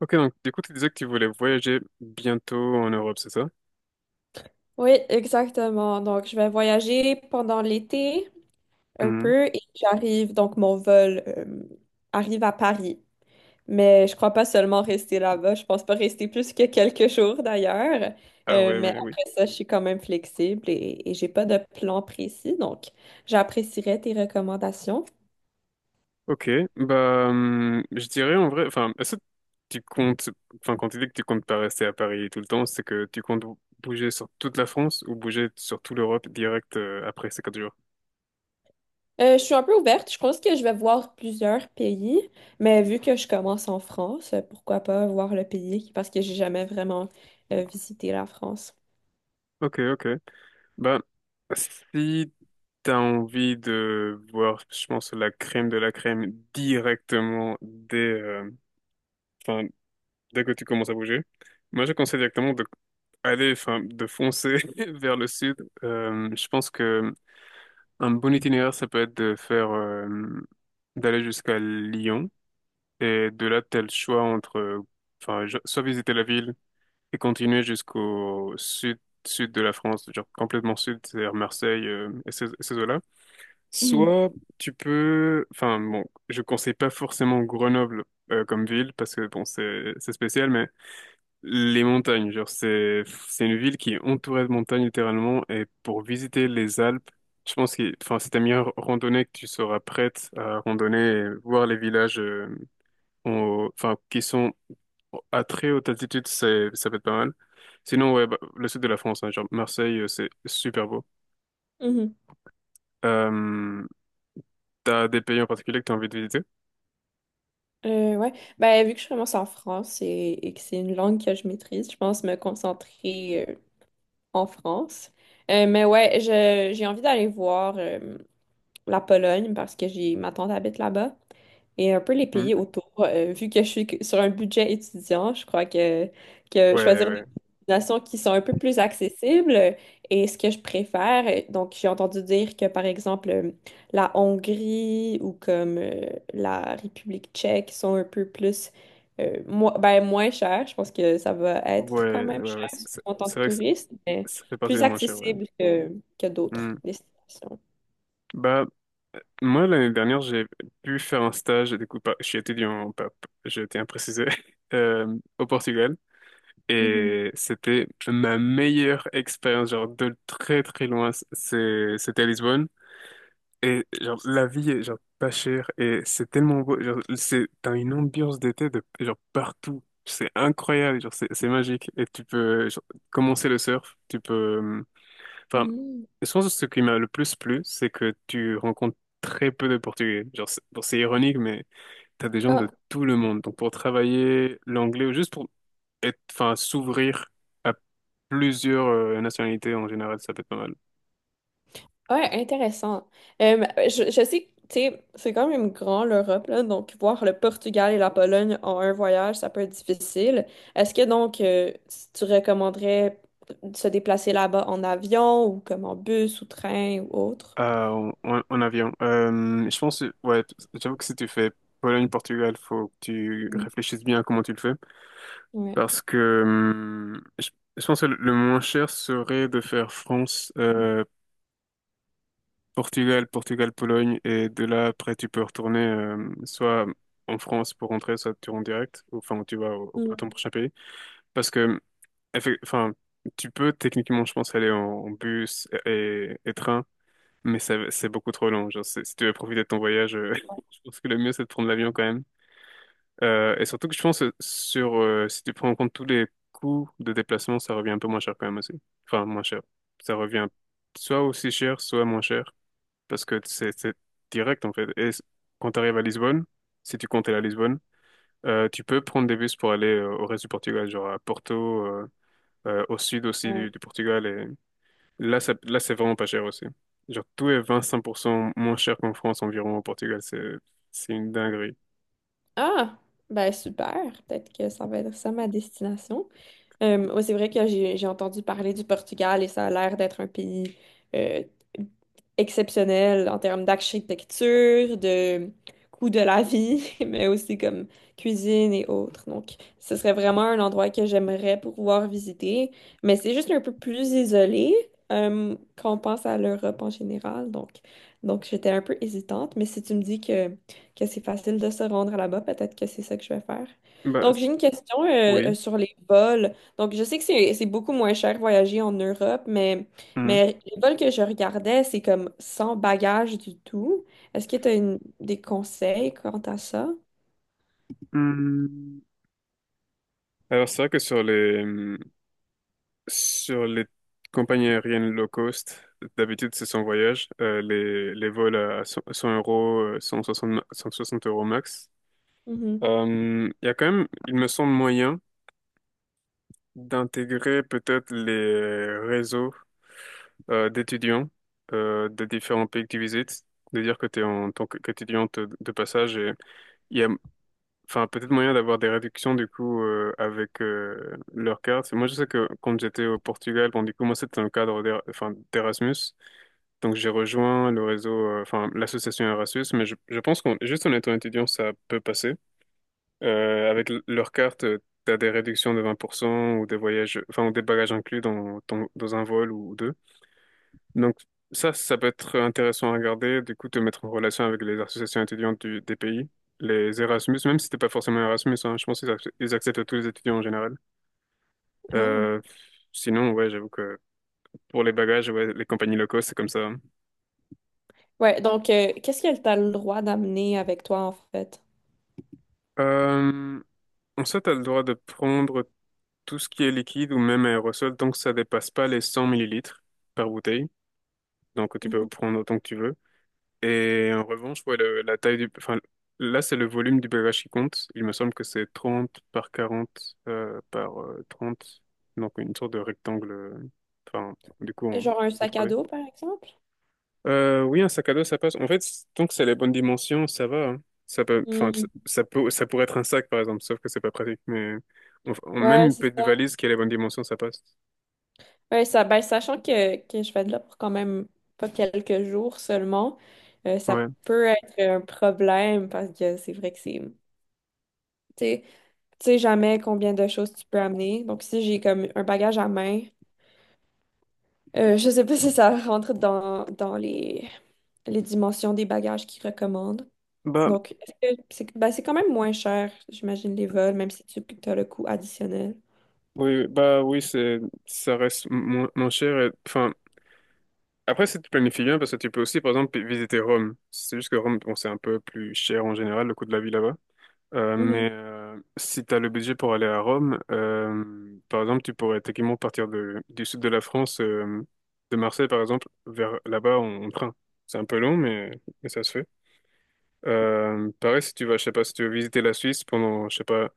Ok, donc du coup, tu disais que tu voulais voyager bientôt en Europe, c'est ça? Oui, exactement. Donc, je vais voyager pendant l'été un Mhm. peu et j'arrive, donc mon vol arrive à Paris. Mais je crois pas seulement rester là-bas. Je pense pas rester plus que quelques jours d'ailleurs. Ah ouais, Mais mais oui. après ça, je suis quand même flexible et j'ai pas de plan précis. Donc, j'apprécierais tes recommandations. Ok, bah, je dirais en vrai, enfin, est-ce que tu comptes, enfin, quand tu dis que tu comptes pas rester à Paris tout le temps, c'est que tu comptes bouger sur toute la France ou bouger sur toute l'Europe direct après ces quatre jours? Je suis un peu ouverte. Je pense que je vais voir plusieurs pays, mais vu que je commence en France, pourquoi pas voir le pays parce que j'ai jamais vraiment visité la France. Ok, ok. Bah, si t'as envie de voir, je pense, la crème de la crème directement dès, enfin, dès que tu commences à bouger. Moi, je conseille directement de aller, enfin, de foncer vers le sud. Je pense que un bon itinéraire, ça peut être de faire, d'aller jusqu'à Lyon et de là, tel choix entre, enfin, soit visiter la ville et continuer jusqu'au sud, sud de la France, genre complètement sud, c'est-à-dire Marseille, et ces, eaux-là. Mhm. Soit tu peux, enfin, bon, je conseille pas forcément Grenoble, comme ville parce que bon c'est spécial, mais les montagnes, genre c'est, une ville qui est entourée de montagnes littéralement, et pour visiter les Alpes, je pense que enfin c'est ta meilleure randonnée que tu seras prête à randonner et voir les villages enfin qui sont à très haute altitude, c'est, ça peut être pas mal. Sinon ouais bah, le sud de la France, hein, genre Marseille c'est super beau. Mhm. Euh, T'as des pays en particulier que t'as envie de visiter? Ouais. Ben, vu que je commence en France et que c'est une langue que je maîtrise, je pense me concentrer en France. Mais ouais, j'ai envie d'aller voir la Pologne parce que j'ai ma tante habite là-bas. Et un peu les Hmm. pays autour. Vu que je suis sur un budget étudiant, que Ouais, choisir des ouais, destinations qui sont un peu plus accessibles est ce que je préfère. Donc, j'ai entendu dire que, par exemple, la Hongrie ou comme la République tchèque sont un peu plus, ben, moins chères. Je pense que ça va être quand ouais, même ouais, cher, ouais, surtout en tant c'est que vrai que touriste, mais ça fait partie plus des moins chers, ouais. accessible que d'autres Hmm. destinations. Bah, moi, l'année dernière, j'ai pu faire un stage, du coup, je suis étudiant, pas, j'ai été imprécisé, euh, au Portugal. Mhm. Et c'était ma meilleure expérience, genre de très très loin, c'était à Lisbonne. Et genre la vie est genre pas chère et c'est tellement beau. Genre, t'as une ambiance d'été de genre partout. C'est incroyable, genre c'est magique. Et tu peux genre, commencer le surf, tu peux. Enfin, Mhm. je pense que ce qui m'a le plus plu, c'est que tu rencontres très peu de Portugais. Genre c'est bon, c'est ironique, mais t'as des gens de Ah, tout le monde. Donc pour travailler l'anglais ou juste pour être, enfin s'ouvrir plusieurs nationalités en général, ça peut être pas mal. ouais, intéressant. Je sais que, tu sais, c'est quand même grand l'Europe, là, donc voir le Portugal et la Pologne en un voyage, ça peut être difficile. Est-ce que donc si tu recommanderais de se déplacer là-bas en avion ou comme en bus ou train ou autre? Euh, en avion. Je pense, ouais, j'avoue que si tu fais Pologne-Portugal, faut que tu Mm. réfléchisses bien à comment tu le fais. Ouais. Parce que je pense que le moins cher serait de faire France Portugal, Portugal, Pologne, et de là, après, tu peux retourner soit en France pour rentrer, soit tu rentres direct, ou, enfin, tu vas à ton Mm. prochain pays. Parce que, enfin, tu peux techniquement, je pense, aller en bus et train, mais c'est beaucoup trop long. Genre, si tu veux profiter de ton voyage, je pense que le mieux, c'est de prendre l'avion quand même. Et surtout que je pense, si tu prends en compte tous les coûts de déplacement, ça revient un peu moins cher quand même aussi. Enfin, moins cher. Ça revient soit aussi cher, soit moins cher parce que c'est direct en fait. Et quand tu arrives à Lisbonne, si tu comptes aller à Lisbonne, tu peux prendre des bus pour aller au reste du Portugal, genre à Porto, au sud aussi du, Ouais. du Portugal. Et là, là, c'est vraiment pas cher aussi. Genre tout est 25% moins cher qu'en France environ au Portugal. C'est une dinguerie. Ah, ben super. Peut-être que ça va être ça ma destination. Ouais, c'est vrai que j'ai entendu parler du Portugal et ça a l'air d'être un pays euh, exceptionnel en termes d'architecture, de coût de la vie, mais aussi comme cuisine et autres. Donc, ce serait vraiment un endroit que j'aimerais pouvoir visiter, mais c'est juste un peu plus isolé quand on pense à l'Europe en général. Donc j'étais un peu hésitante, mais si tu me dis que c'est facile de se rendre là-bas, peut-être que c'est ça que je vais faire. Bah Donc, j'ai une question oui. sur les vols. Donc, je sais que c'est beaucoup moins cher voyager en Europe, Mhm. mais les vols que je regardais, c'est comme sans bagage du tout. Est-ce que tu as des conseils quant à ça? Mhm. Alors c'est vrai que sur les compagnies aériennes low cost, d'habitude c'est sans voyage. Les vols à 100 100 euros, 160 euros max. Mhm. Il y a quand même, il me semble, moyen d'intégrer peut-être les réseaux d'étudiants de différents pays que tu visites. De dire que tu es qu'étudiante de passage et il y a, enfin, peut-être moyen d'avoir des réductions du coup avec leur carte. Moi je sais que quand j'étais au Portugal, bon du coup moi c'était dans le cadre enfin, d'Erasmus. Donc j'ai rejoint le réseau, enfin l'association Erasmus, mais je pense qu'on juste en étant étudiant, ça peut passer. Avec leur carte, t'as des réductions de 20% ou des voyages, enfin ou des bagages inclus dans un vol ou deux. Donc ça peut être intéressant à regarder, du coup te mettre en relation avec les associations étudiantes des pays. Les Erasmus, même si t'es pas forcément Erasmus, hein, je pense qu'ils acceptent tous les étudiants en général. Ah. Euh, sinon, ouais, j'avoue que pour les bagages, ouais, les compagnies locaux, c'est comme ça, hein. Ouais, donc, qu'est-ce que tu as le droit d'amener avec toi, en fait? Euh, En soi, tu as le droit de prendre tout ce qui est liquide ou même aérosol tant que ça dépasse pas les 100 millilitres par bouteille. Donc, tu peux Mhm. prendre autant que tu veux. Et en revanche, ouais, la taille du... Enfin, là, c'est le volume du bagage qui compte. Il me semble que c'est 30 par 40 par 30. Donc, une sorte de rectangle, enfin, du coup, en, Genre un sac à 3D. dos, par exemple? Oui, un sac à dos, ça passe. En fait, tant que c'est les bonnes dimensions, ça va, hein. Ça peut, enfin, ça Mm. ça peut, ça pourrait être un sac, par exemple, sauf que c'est pas pratique. Mais même Ouais, une c'est petite ça. valise qui a les bonnes dimensions, ça passe. Ouais, ça, ben, sachant que je vais de là pour quand même pas quelques jours seulement, ça Ouais. peut être un problème parce que c'est vrai que c'est... Tu sais, tu sais jamais combien de choses tu peux amener. Donc, si j'ai comme un bagage à main, je sais pas si ça rentre dans les dimensions des bagages qu'ils recommandent. Bah, Donc, est-ce que c'est ben, c'est quand même moins cher, j'imagine, les vols, même si tu as le coût additionnel. oui, bah oui, ça reste moins cher. Enfin, après, si tu planifies bien, parce que tu peux aussi, par exemple, visiter Rome. C'est juste que Rome, bon, c'est un peu plus cher en général, le coût de la vie là-bas. Euh, Mhm. mais si tu as le budget pour aller à Rome, par exemple, tu pourrais techniquement partir du sud de la France, de Marseille par exemple, vers là-bas en train. C'est un peu long, mais ça se fait. Pareil, si tu vas, je sais pas, si tu veux visiter la Suisse pendant, je sais pas,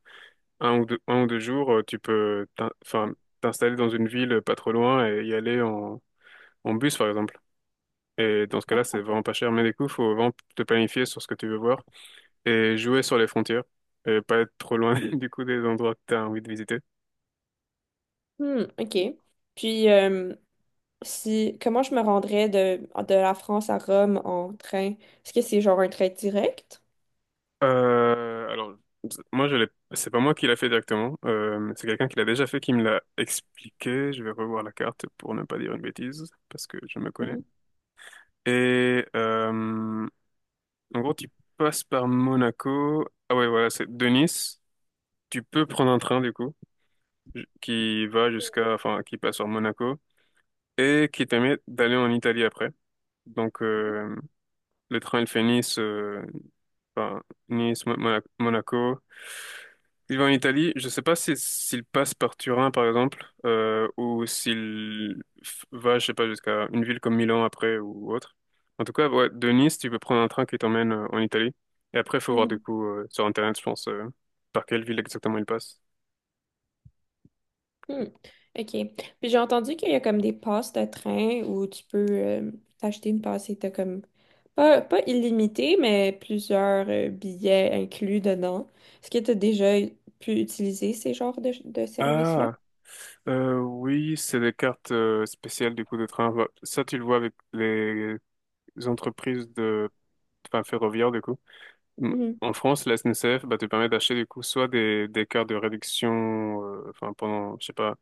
un ou deux jours, tu peux enfin, t'installer dans une ville pas trop loin et y aller en bus par exemple. Et dans ce cas-là, c'est vraiment pas cher, mais du coup, faut vraiment te planifier sur ce que tu veux voir et jouer sur les frontières et pas être trop loin du coup des endroits que t'as envie de visiter. Hmm, OK. Puis, si, comment je me rendrais de la France à Rome en train? Est-ce que c'est genre un train direct? Alors, moi, c'est pas moi qui l'a fait directement. C'est quelqu'un qui l'a déjà fait qui me l'a expliqué. Je vais revoir la carte pour ne pas dire une bêtise parce que je me connais. Et en gros, tu passes par Monaco. Ah ouais, voilà, c'est de Nice. Tu peux prendre un train du coup, qui va jusqu'à, enfin, qui passe sur Monaco et qui permet d'aller en Italie après. Donc, le train, il fait Nice, enfin, Nice, Monaco. Il va en Italie. Je sais pas si, s'il passe par Turin, par exemple, ou s'il va, je sais pas, jusqu'à une ville comme Milan après ou autre. En tout cas, ouais, de Nice, tu peux prendre un train qui t'emmène en Italie. Et après, il faut voir du Mhm. coup sur Internet, je pense, par quelle ville exactement il passe. Hmm. OK. Puis j'ai entendu qu'il y a comme des passes de train où tu peux t'acheter une passe et t'as comme pas illimité, mais plusieurs billets inclus dedans. Est-ce que tu as déjà pu utiliser ces genres de services-là? Ah, oui, c'est des cartes spéciales du coup de train. Bah, ça, tu le vois avec les entreprises, de enfin, ferroviaires du coup. Mhm. En France, la SNCF bah, te permet d'acheter du coup soit des cartes de réduction, enfin pendant, je sais pas,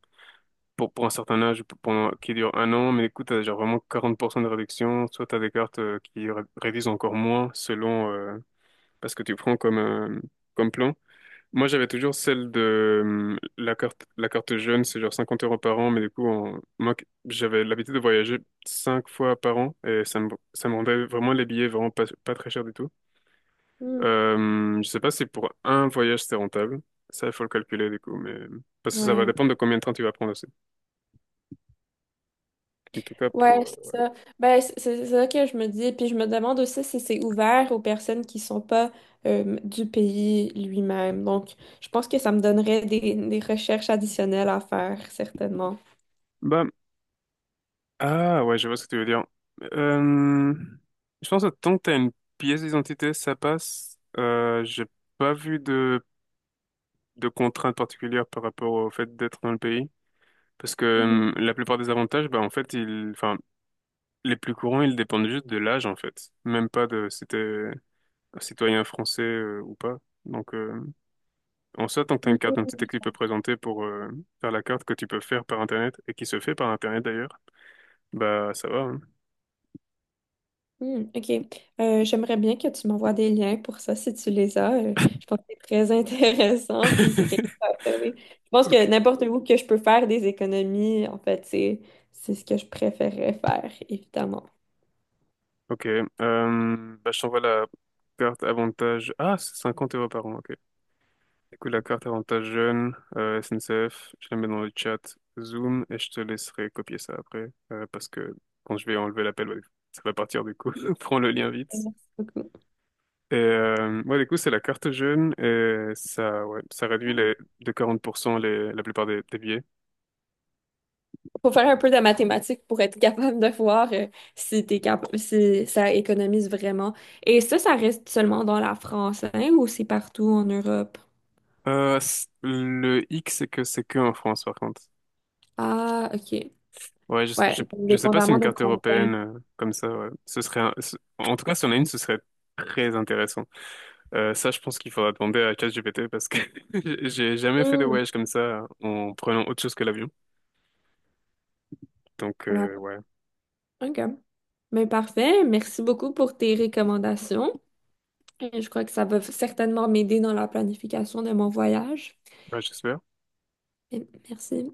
pour un certain âge, pendant, qui dure un an, mais écoute, t'as genre vraiment 40% de réduction, soit t'as des cartes qui réduisent encore moins selon parce que tu prends comme plan. Moi, j'avais toujours celle de la carte jeune, c'est genre 50 euros par an, mais du coup, moi, j'avais l'habitude de voyager cinq fois par an et ça me rendait vraiment les billets vraiment pas très chers du tout. Mhm. Je sais pas si pour un voyage c'est rentable. Ça, il faut le calculer du coup, mais parce que ça va Ouais. dépendre de combien de temps tu vas prendre aussi. En tout cas Ouais, pour. c'est ça. Ben, c'est ça que je me dis. Puis je me demande aussi si c'est ouvert aux personnes qui sont pas du pays lui-même. Donc, je pense que ça me donnerait des recherches additionnelles à faire, certainement. Bah, ah ouais, je vois ce que tu veux dire. Euh, Je pense que tant que t'as une pièce d'identité, ça passe. J'ai pas vu de contraintes particulières par rapport au fait d'être dans le pays, parce que la plupart des avantages, bah en fait, enfin, les plus courants, ils dépendent juste de l'âge en fait, même pas de si t'es un citoyen français ou pas. Donc, en soit, tant que tu as une carte Mhm. d'identité que tu peux présenter pour faire la carte, que tu peux faire par Internet et qui se fait par Internet d'ailleurs, bah ça va, hein. Mhm. OK. J'aimerais bien que tu m'envoies des liens pour ça si tu les as. Je pense que c'est très intéressant, puis c'est quelque chose à observer. Je pense Ok, que n'importe où que je peux faire des économies, en fait, c'est ce que je préférerais faire, évidemment. ok. Bah, je t'envoie la carte avantage. Ah, c'est 50 euros par an, ok. Du coup, la carte avantage jeune, SNCF, je la mets dans le chat Zoom et je te laisserai copier ça après parce que quand je vais enlever l'appel, ouais, ça va partir du coup. Prends le lien vite. Merci beaucoup. Et ouais, du coup, c'est la carte jeune et ça, ouais, ça réduit, Mm. les, de 40% les, la plupart des billets. Faut faire un peu de mathématiques pour être capable de voir si t'es capable, si ça économise vraiment. Et ça reste seulement dans la France, hein, ou c'est partout en Europe? Le hic, c'est que en France, par contre. Ah, OK. Ouais, Ouais, je sais pas si une dépendamment de carte combien. européenne comme ça, ouais. Ce serait, en tout cas, si on a une, ce serait très intéressant. Ça, je pense qu'il faudra demander à ChatGPT parce que j'ai jamais fait de voyage comme ça en prenant autre chose que l'avion. Donc, Voilà. Ouais. OK. Mais parfait. Merci beaucoup pour tes recommandations. Je crois que ça va certainement m'aider dans la planification de mon voyage. Ouais, j'espère. Et merci.